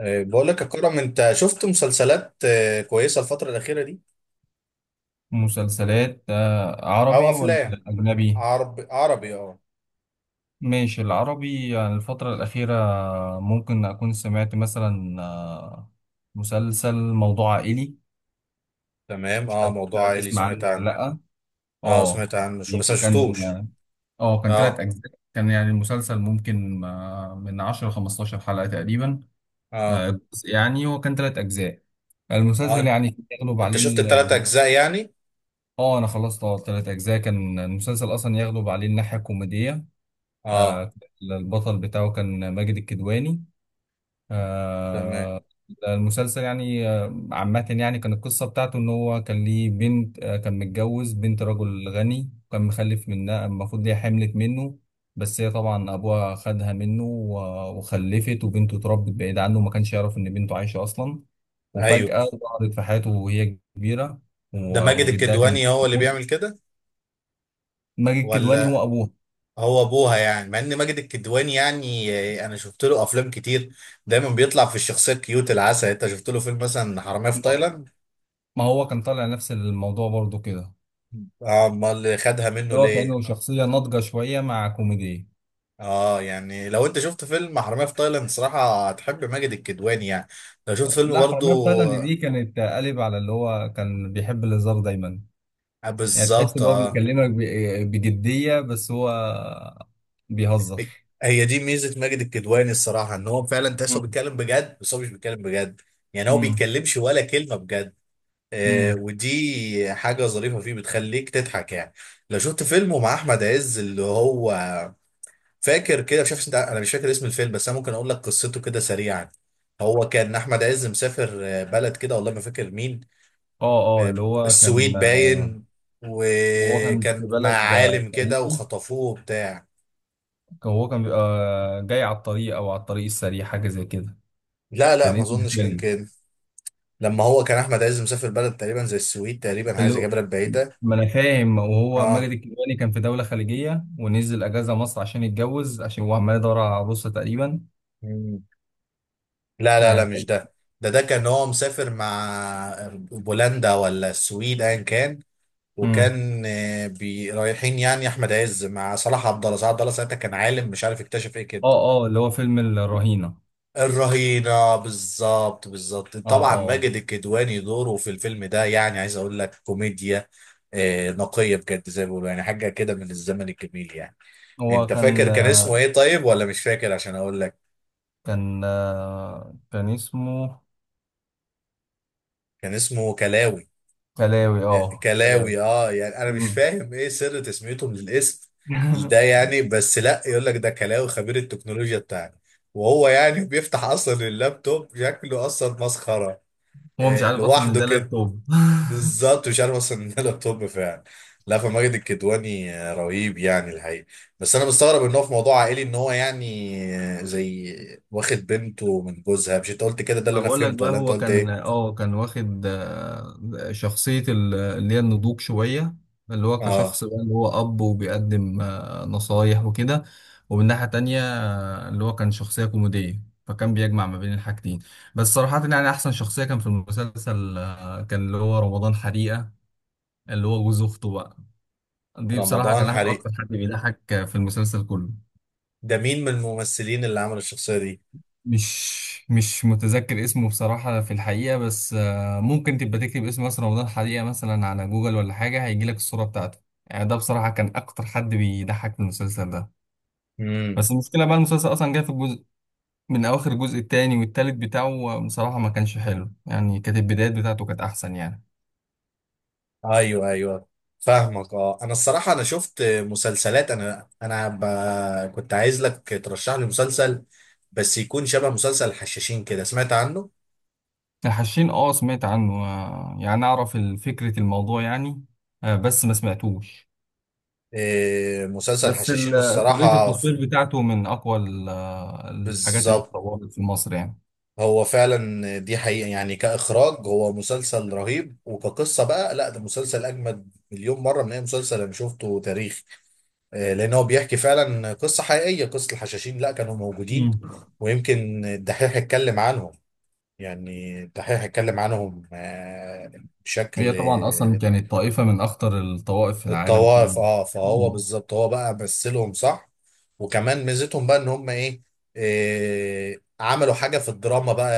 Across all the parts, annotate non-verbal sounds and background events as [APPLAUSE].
بقول لك يا كرم، انت شفت مسلسلات كويسه الفتره الاخيره دي مسلسلات او عربي ولا افلام؟ أجنبي؟ عربي عربي اه. ماشي، العربي يعني الفترة الأخيرة، ممكن أكون سمعت مثلا مسلسل موضوع عائلي. تمام مش اه، عارف، موضوع عائلي تسمع عنه سمعت ولا عنه. لأ؟ اه اه. سمعت عنه شو يعني بس ما هو كان شفتوش. اه كان تلات اه أجزاء، كان يعني المسلسل ممكن من 10 ل15 حلقة تقريبا. اه جزء يعني، هو كان تلات أجزاء. اه المسلسل انت يعني يغلب أنت عليه شفت الثلاث اجزاء يعني؟ أنا خلصت تلات أجزاء. كان المسلسل أصلا يغلب عليه الناحية الكوميدية. اه. آه، البطل بتاعه كان ماجد الكدواني. تمام. آه، المسلسل يعني عامة، يعني كان القصة بتاعته إن هو كان ليه بنت، كان متجوز بنت رجل غني، وكان مخلف منها، المفروض هي حملت منه. بس هي طبعا أبوها خدها منه وخلفت، وبنته اتربت بعيد عنه وما كانش يعرف إن بنته عايشة أصلا. ايوه. وفجأة ظهرت في حياته وهي كبيرة، ده ماجد وجدها كان الكدواني هو اللي بيموت. بيعمل كده ماجد الكدواني ولا... هو أبوها. هو ابوها يعني؟ مع ان ماجد الكدواني يعني انا شفت له افلام كتير، دايما بيطلع في الشخصيه الكيوت العسل. انت شفت له فيلم مثلا حراميه في تايلاند؟ ما هو كان طالع نفس الموضوع برضه كده، اه، امال خدها منه اللي هو ليه؟ كأنه شخصية ناضجة شوية مع كوميديا. اه يعني، لو انت شفت فيلم حرامية في تايلاند صراحة هتحب ماجد الكدواني يعني. لو شفت فيلم لا، حرامية في برضو تايلاند دي كانت قالب على اللي هو كان بيحب الهزار دايما. يعني تحس بالظبط ان هو اه. بيكلمك بجدية، بس هو هي بيهزر. هي دي ميزة ماجد الكدواني الصراحة، ان هو فعلا تحسه مم. بيتكلم بجد بس هو مش بيتكلم بجد. يعني هو مم. بيتكلمش ولا كلمة بجد. آه، مم. ودي حاجة ظريفة فيه بتخليك تضحك يعني. لو شفت فيلمه مع احمد عز اللي هو... فاكر كده، مش عارف انت، انا مش فاكر اسم الفيلم بس انا ممكن اقول لك قصته كده سريعا. هو كان احمد عز مسافر بلد كده، والله ما فاكر مين. اه اه، اللي هو كان، السويد باين. وهو كان في وكان مع بلد عالم كده خليجي. وخطفوه وبتاع. هو كان بيبقى جاي على الطريق او على الطريق السريع، حاجة زي كده. لا لا، كان ما اسم اظنش كان الفيلم كده. لما هو كان احمد عز مسافر بلد تقريبا زي السويد، تقريبا حاجه اللي زي هو- كده بلد بعيده. ما انا فاهم، وهو اه. ماجد الكدواني كان في دولة خليجية ونزل اجازة مصر عشان يتجوز، عشان هو عمال يدور على عروسة تقريبا مم. لا لا لا، يعني. مش ده. ده كان هو مسافر مع بولندا ولا السويد ايا كان. امم وكان بي رايحين، يعني احمد عز مع صلاح عبد الله. صلاح عبد الله ساعتها كان عالم، مش عارف اكتشف ايه كده. اه اه، اللي هو فيلم الرهينة. الرهينة، بالظبط بالظبط اه طبعا. اه آه. ماجد الكدواني دوره في الفيلم ده يعني عايز اقول لك كوميديا نقية بجد زي ما بيقولوا، يعني حاجة كده من الزمن الجميل يعني. هو انت كان فاكر كان اسمه ايه طيب ولا مش فاكر؟ عشان اقول لك، كان آه، كان اسمه كان اسمه كلاوي. كلاوي. اه كلاوي. كلاوي اه. يعني انا مش مم. فاهم ايه سر تسميتهم للاسم ده [LAUGHS] يعني. بس لا، يقول لك ده كلاوي خبير التكنولوجيا بتاعنا، وهو يعني بيفتح اصلا اللابتوب شكله اصلا مسخرة هو مش عارف اصلا ان لوحده ده كده. لابتوب. [LAUGHS] بالظبط، مش عارف اصلا ان ده لابتوب فعلا. لا، فماجد الكدواني رهيب يعني الحقيقه. بس انا مستغرب ان هو في موضوع عائلي، ان هو يعني زي واخد بنته من جوزها. مش انت قلت كده؟ ده اللي ما انا بقول لك فهمته، بقى، ولا انت هو قلت كان ايه؟ اه كان واخد شخصية اللي هي النضوج شوية، اللي هو اه. كشخص بقى، اللي هو أب وبيقدم نصايح وكده. ومن ناحية تانية اللي هو كان شخصية كوميدية، فكان بيجمع ما بين الحاجتين. بس صراحة يعني، أحسن شخصية كان في المسلسل كان اللي هو رمضان حريقة، اللي هو جوز أخته بقى. دي بصراحة رمضان كان حريق، أكتر حد بيضحك في المسلسل كله. ده مين من الممثلين اللي عمل الشخصيه دي؟ مش متذكر اسمه بصراحة في الحقيقة، بس ممكن تبقى تكتب اسم ياسر رمضان حقيقة مثلا على جوجل ولا حاجة، هيجيلك الصورة بتاعته. يعني ده بصراحة كان أكتر حد بيضحك في المسلسل ده. امم. بس المشكلة بقى، المسلسل أصلا جاي في الجزء من أواخر الجزء التاني والتالت بتاعه، بصراحة ما كانش حلو يعني، كانت البدايات بتاعته كانت أحسن يعني. ايوه ايوه فاهمك. اه، انا الصراحه انا شفت مسلسلات، انا ب... كنت عايز لك ترشح لي مسلسل، بس يكون شبه مسلسل الحشاشين كده. سمعت عنه؟ الحشين، أه سمعت عنه، يعني أعرف فكرة الموضوع يعني، بس ما سمعتوش. إيه، مسلسل بس حشاشين طريقة الصراحة التصوير بتاعته من أقوى الحاجات اللي بالظبط. اتطورت في مصر يعني. هو فعلا دي حقيقة، يعني كإخراج هو مسلسل رهيب، وكقصة بقى لا، ده مسلسل أجمد مليون مرة من أي مسلسل أنا شفته تاريخ. إيه، لأن هو بيحكي فعلا قصة حقيقية، قصة الحشاشين لا، كانوا موجودين. مم. ويمكن الدحيح اتكلم عنهم. يعني الدحيح اتكلم عنهم هي بشكل... طبعا أصلا كانت طائفة من أخطر الطوائف في العالم كله. الطوائف اه، فهو مم. بالظبط هو بقى مثلهم صح. وكمان ميزتهم بقى ان هم ايه، إيه عملوا حاجه في الدراما بقى.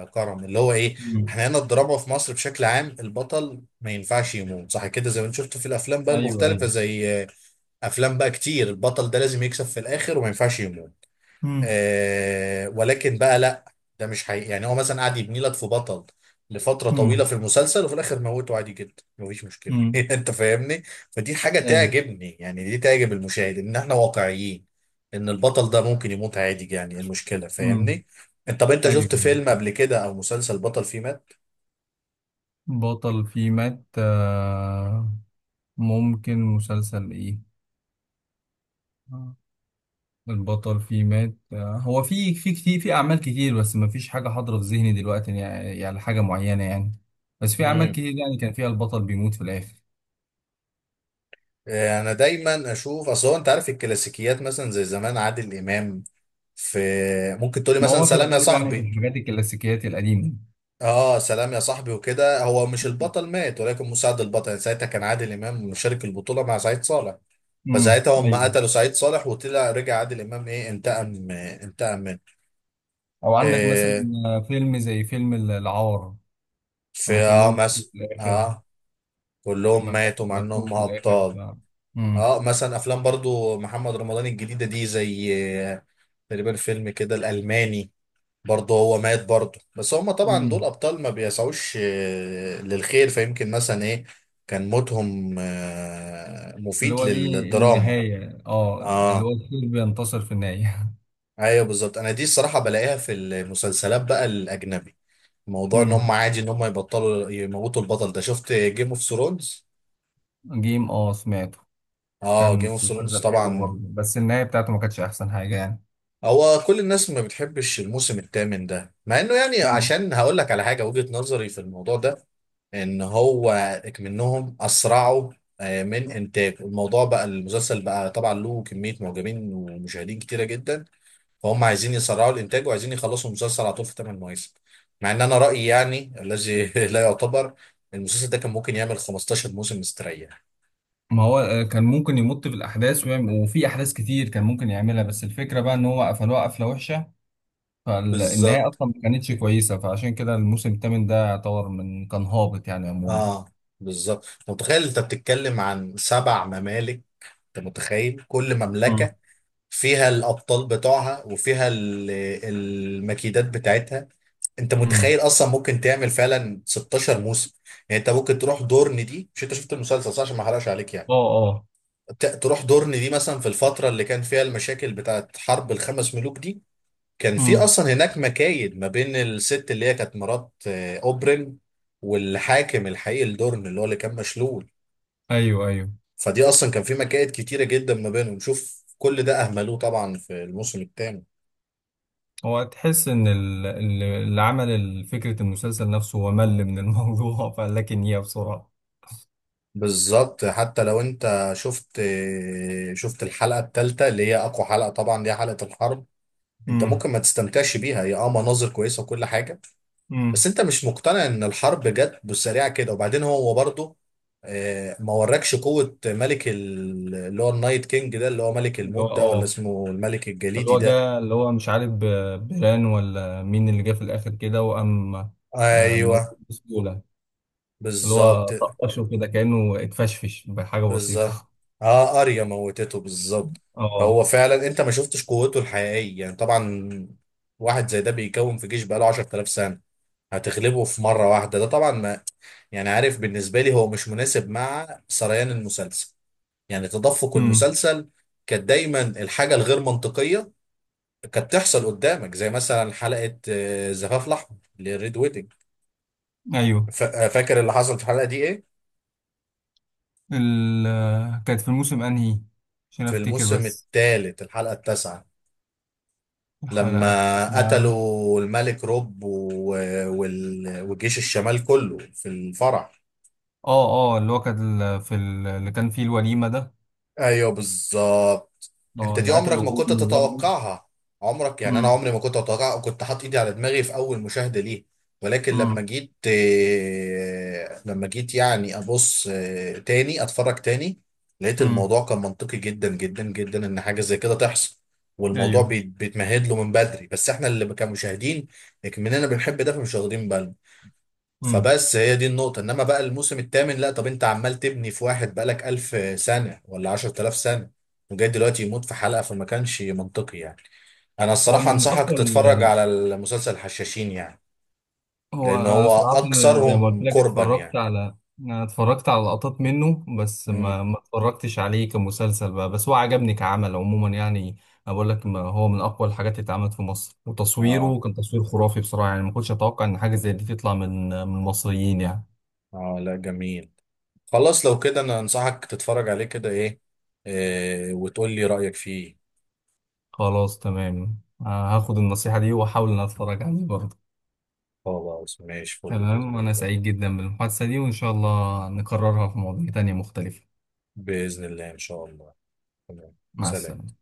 يا كرم اللي هو ايه، مم. احنا هنا الدراما في مصر بشكل عام البطل ما ينفعش يموت صح كده، زي ما انت شفت في الافلام بقى أيوه المختلفه أيوه. زي افلام بقى كتير، البطل ده لازم يكسب في الاخر وما ينفعش يموت. مم. آه ولكن بقى لا، ده مش حقيقي يعني. هو مثلا قاعد يبني لك في بطل لفترة طويلة مم. في المسلسل، وفي الآخر موته عادي جدا مفيش مشكلة [LAUGHS] مم. أنت فاهمني؟ فدي حاجة أيوه. تعجبني يعني، دي تعجب المشاهد إن إحنا واقعيين، إن البطل ده ممكن يموت عادي. يعني إيه المشكلة؟ مم. فاهمني؟ أنت طب أنت أيوه شفت أيوه. فيلم قبل كده أو مسلسل بطل فيه مات؟ بطل فيه مات، ممكن مسلسل إيه، البطل فيه مات هو في كتير، في اعمال كتير، بس ما فيش حاجه حاضره في ذهني دلوقتي يعني، حاجه معينه يعني. بس في اعمال مم. كتير يعني كان فيها البطل بيموت في الاخر. انا دايما اشوف، اصل هو انت عارف الكلاسيكيات مثلا زي زمان عادل امام في... ممكن تقولي ما مثلا هو في سلام يا الغالب يعني في صاحبي. الحاجات الكلاسيكيات القديمه. اه، سلام يا صاحبي وكده هو مش البطل مات، ولكن مساعد البطل. يعني ساعتها كان عادل امام مشارك البطوله مع سعيد صالح، فساعتها هم ايوه. قتلوا سعيد صالح، وطلع رجع عادل امام ايه انتقم انتقم منه. او عندك مثلا إيه. فيلم زي فيلم العار، في لما اه كلهم في مثلا... الاخر، اه كلهم لما ماتوا مع موتوا انهم نفسهم في الاخر. ابطال. امم اه مثلا افلام برضو محمد رمضان الجديده دي زي آه، تقريبا فيلم كده الالماني، برضه هو مات برضه، بس هما طبعا دول امم ابطال ما بيسعوش للخير، فيمكن مثلا ايه كان موتهم اللي مفيد هو دي للدراما. النهايه، اللي هو اه الخير بينتصر في النهايه. ايوه بالظبط، انا دي الصراحه بلاقيها في المسلسلات بقى الاجنبي، [LAUGHS] موضوع ان هم امم عادي ان هم يبطلوا يموتوا البطل ده. شفت جيم اوف ثرونز؟ جيم، سمعته. اه، جيم كان اوف ثرونز مسلسل حلو طبعا. برضه، بس النهاية بتاعته ما كانتش أحسن حاجة يعني. هو كل الناس ما بتحبش الموسم الثامن ده، مع انه يعني... آه. عشان هقول لك على حاجه، وجهه نظري في الموضوع ده ان هو منهم اسرعوا من انتاج الموضوع. بقى المسلسل بقى طبعا له كميه معجبين ومشاهدين كتيره جدا، فهم عايزين يسرعوا الانتاج وعايزين يخلصوا المسلسل على طول في 8 مواسم. مع ان انا رايي يعني الذي [LAUGHS] لا يعتبر، المسلسل ده كان ممكن يعمل 15 موسم مستريح. ما هو كان ممكن يمط في الأحداث ويعمل، وفي أحداث كتير كان ممكن يعملها، بس الفكرة بقى إن هو قفلوها قفلة وحشة. فالنهاية بالظبط أصلا ما كانتش كويسة، فعشان كده الموسم الثامن ده يعتبر من كان هابط يعني عموما. اه، بالظبط انت متخيل؟ انت بتتكلم عن سبع ممالك. انت متخيل كل آه. مملكة فيها الأبطال بتوعها وفيها المكيدات بتاعتها. انت امم متخيل اصلا ممكن تعمل فعلا 16 موسم. يعني انت ممكن تروح دورن دي، مش انت شفت المسلسل صح عشان ما احرقش عليك يعني. اه اه، تروح دورن دي مثلا في الفترة اللي كان فيها المشاكل بتاعت حرب الخمس ملوك دي. كان في امم اصلا هناك مكايد ما بين الست اللي هي كانت مرات اوبرين، والحاكم الحقيقي لدورن اللي هو اللي كان مشلول. ايوه ايوه. فدي اصلا كان في مكائد كتيره جدا ما بينهم. شوف كل ده اهملوه طبعا في الموسم الثاني. هو تحس ان اللي عمل فكره المسلسل نفسه، هو مل من الموضوع. [LAUGHS] فقال لك ان هي بسرعه. بالظبط. حتى لو انت شفت الحلقه الثالثه اللي هي اقوى حلقه طبعا، دي حلقه الحرب. انت امم ممكن ما تستمتعش بيها، هي اه مناظر كويسه وكل حاجه، امم بس انت مش مقتنع ان الحرب جت بالسريعه كده. وبعدين هو برضه ما وراكش قوه. ملك اللي هو النايت كينج ده، اللي هو ملك اللي الموت هو ده، ولا اه اسمه الملك اللي الجليدي هو ده. جه، اللي هو مش عارف بيران ولا مين اللي جه في الآخر كده، وقام ايوه موته بسهولة، اللي هو بالظبط طقشه كده كأنه اتفشفش بحاجة بالظبط بسيطة. اه، اريا موتته بالظبط. [LAUGHS] اه، هو فعلا انت ما شفتش قوته الحقيقيه يعني طبعا. واحد زي ده بيكون في جيش بقاله 10000 سنه، هتغلبه في مره واحده؟ ده طبعا ما... يعني عارف، بالنسبه لي هو مش مناسب مع سريان المسلسل، يعني تدفق امم المسلسل. كانت دايما الحاجه الغير منطقيه كانت تحصل قدامك، زي مثلا حلقه زفاف الاحمر للريد ويدنج. ايوه. فاكر اللي حصل في الحلقه دي ايه؟ ال... كانت في الموسم انهي، عشان في افتكر الموسم بس؟ الثالث الحلقه التاسعه الحلقة لما اسمها. قتلوا الملك روب وجيش الشمال كله في الفرح. اه اه، اللي هو كان في اللي كان فيه الوليمة ده. ايوه بالظبط. انت اه، دي اللي عمرك ما قتلوا كنت امه برضه. تتوقعها، عمرك. يعني انا امم عمري ما كنت اتوقع، كنت حاطط ايدي على دماغي في اول مشاهدة ليه. ولكن لما امم جيت يعني ابص تاني، اتفرج تاني، لقيت امم الموضوع كان منطقي جدا جدا جدا ان حاجة زي كده تحصل. والموضوع ايوه. بيتمهد له من بدري، بس احنا اللي كمشاهدين مننا بنحب ده فمش واخدين بالنا. امم. فبس هي دي النقطة. انما بقى الموسم الثامن لا، طب انت عمال تبني في واحد بقالك 1000 سنة ولا 10000 سنة، وجاي دلوقتي يموت في حلقة؟ فما كانش منطقي يعني. انا هو الصراحة من انصحك اقوى. تتفرج على المسلسل الحشاشين يعني، هو لان أنا هو صراحة، أنا زي ما قلت اكثرهم لك قربا اتفرجت يعني. على أنا اتفرجت على لقطات منه، بس امم. ما اتفرجتش عليه كمسلسل بقى، بس هو عجبني كعمل عموما يعني. أنا بقول لك ما هو من أقوى الحاجات اللي اتعملت في مصر، اه وتصويره كان تصوير خرافي بصراحة يعني، ما كنتش أتوقع إن حاجة زي دي تطلع من المصريين يعني. اه، لا جميل. خلاص لو كده، انا انصحك تتفرج عليه كده ايه، إيه وتقول لي رأيك فيه. خلاص تمام. هاخد النصيحة دي وأحاول إن أنا أتفرج عليه برضه. خلاص ماشي، فل تمام، بإذن وأنا الله. سعيد جدا بالمحادثة دي وإن شاء الله نكررها في مواضيع تانية مختلفة. بإذن الله إن شاء الله. تمام، مع سلام. السلامة.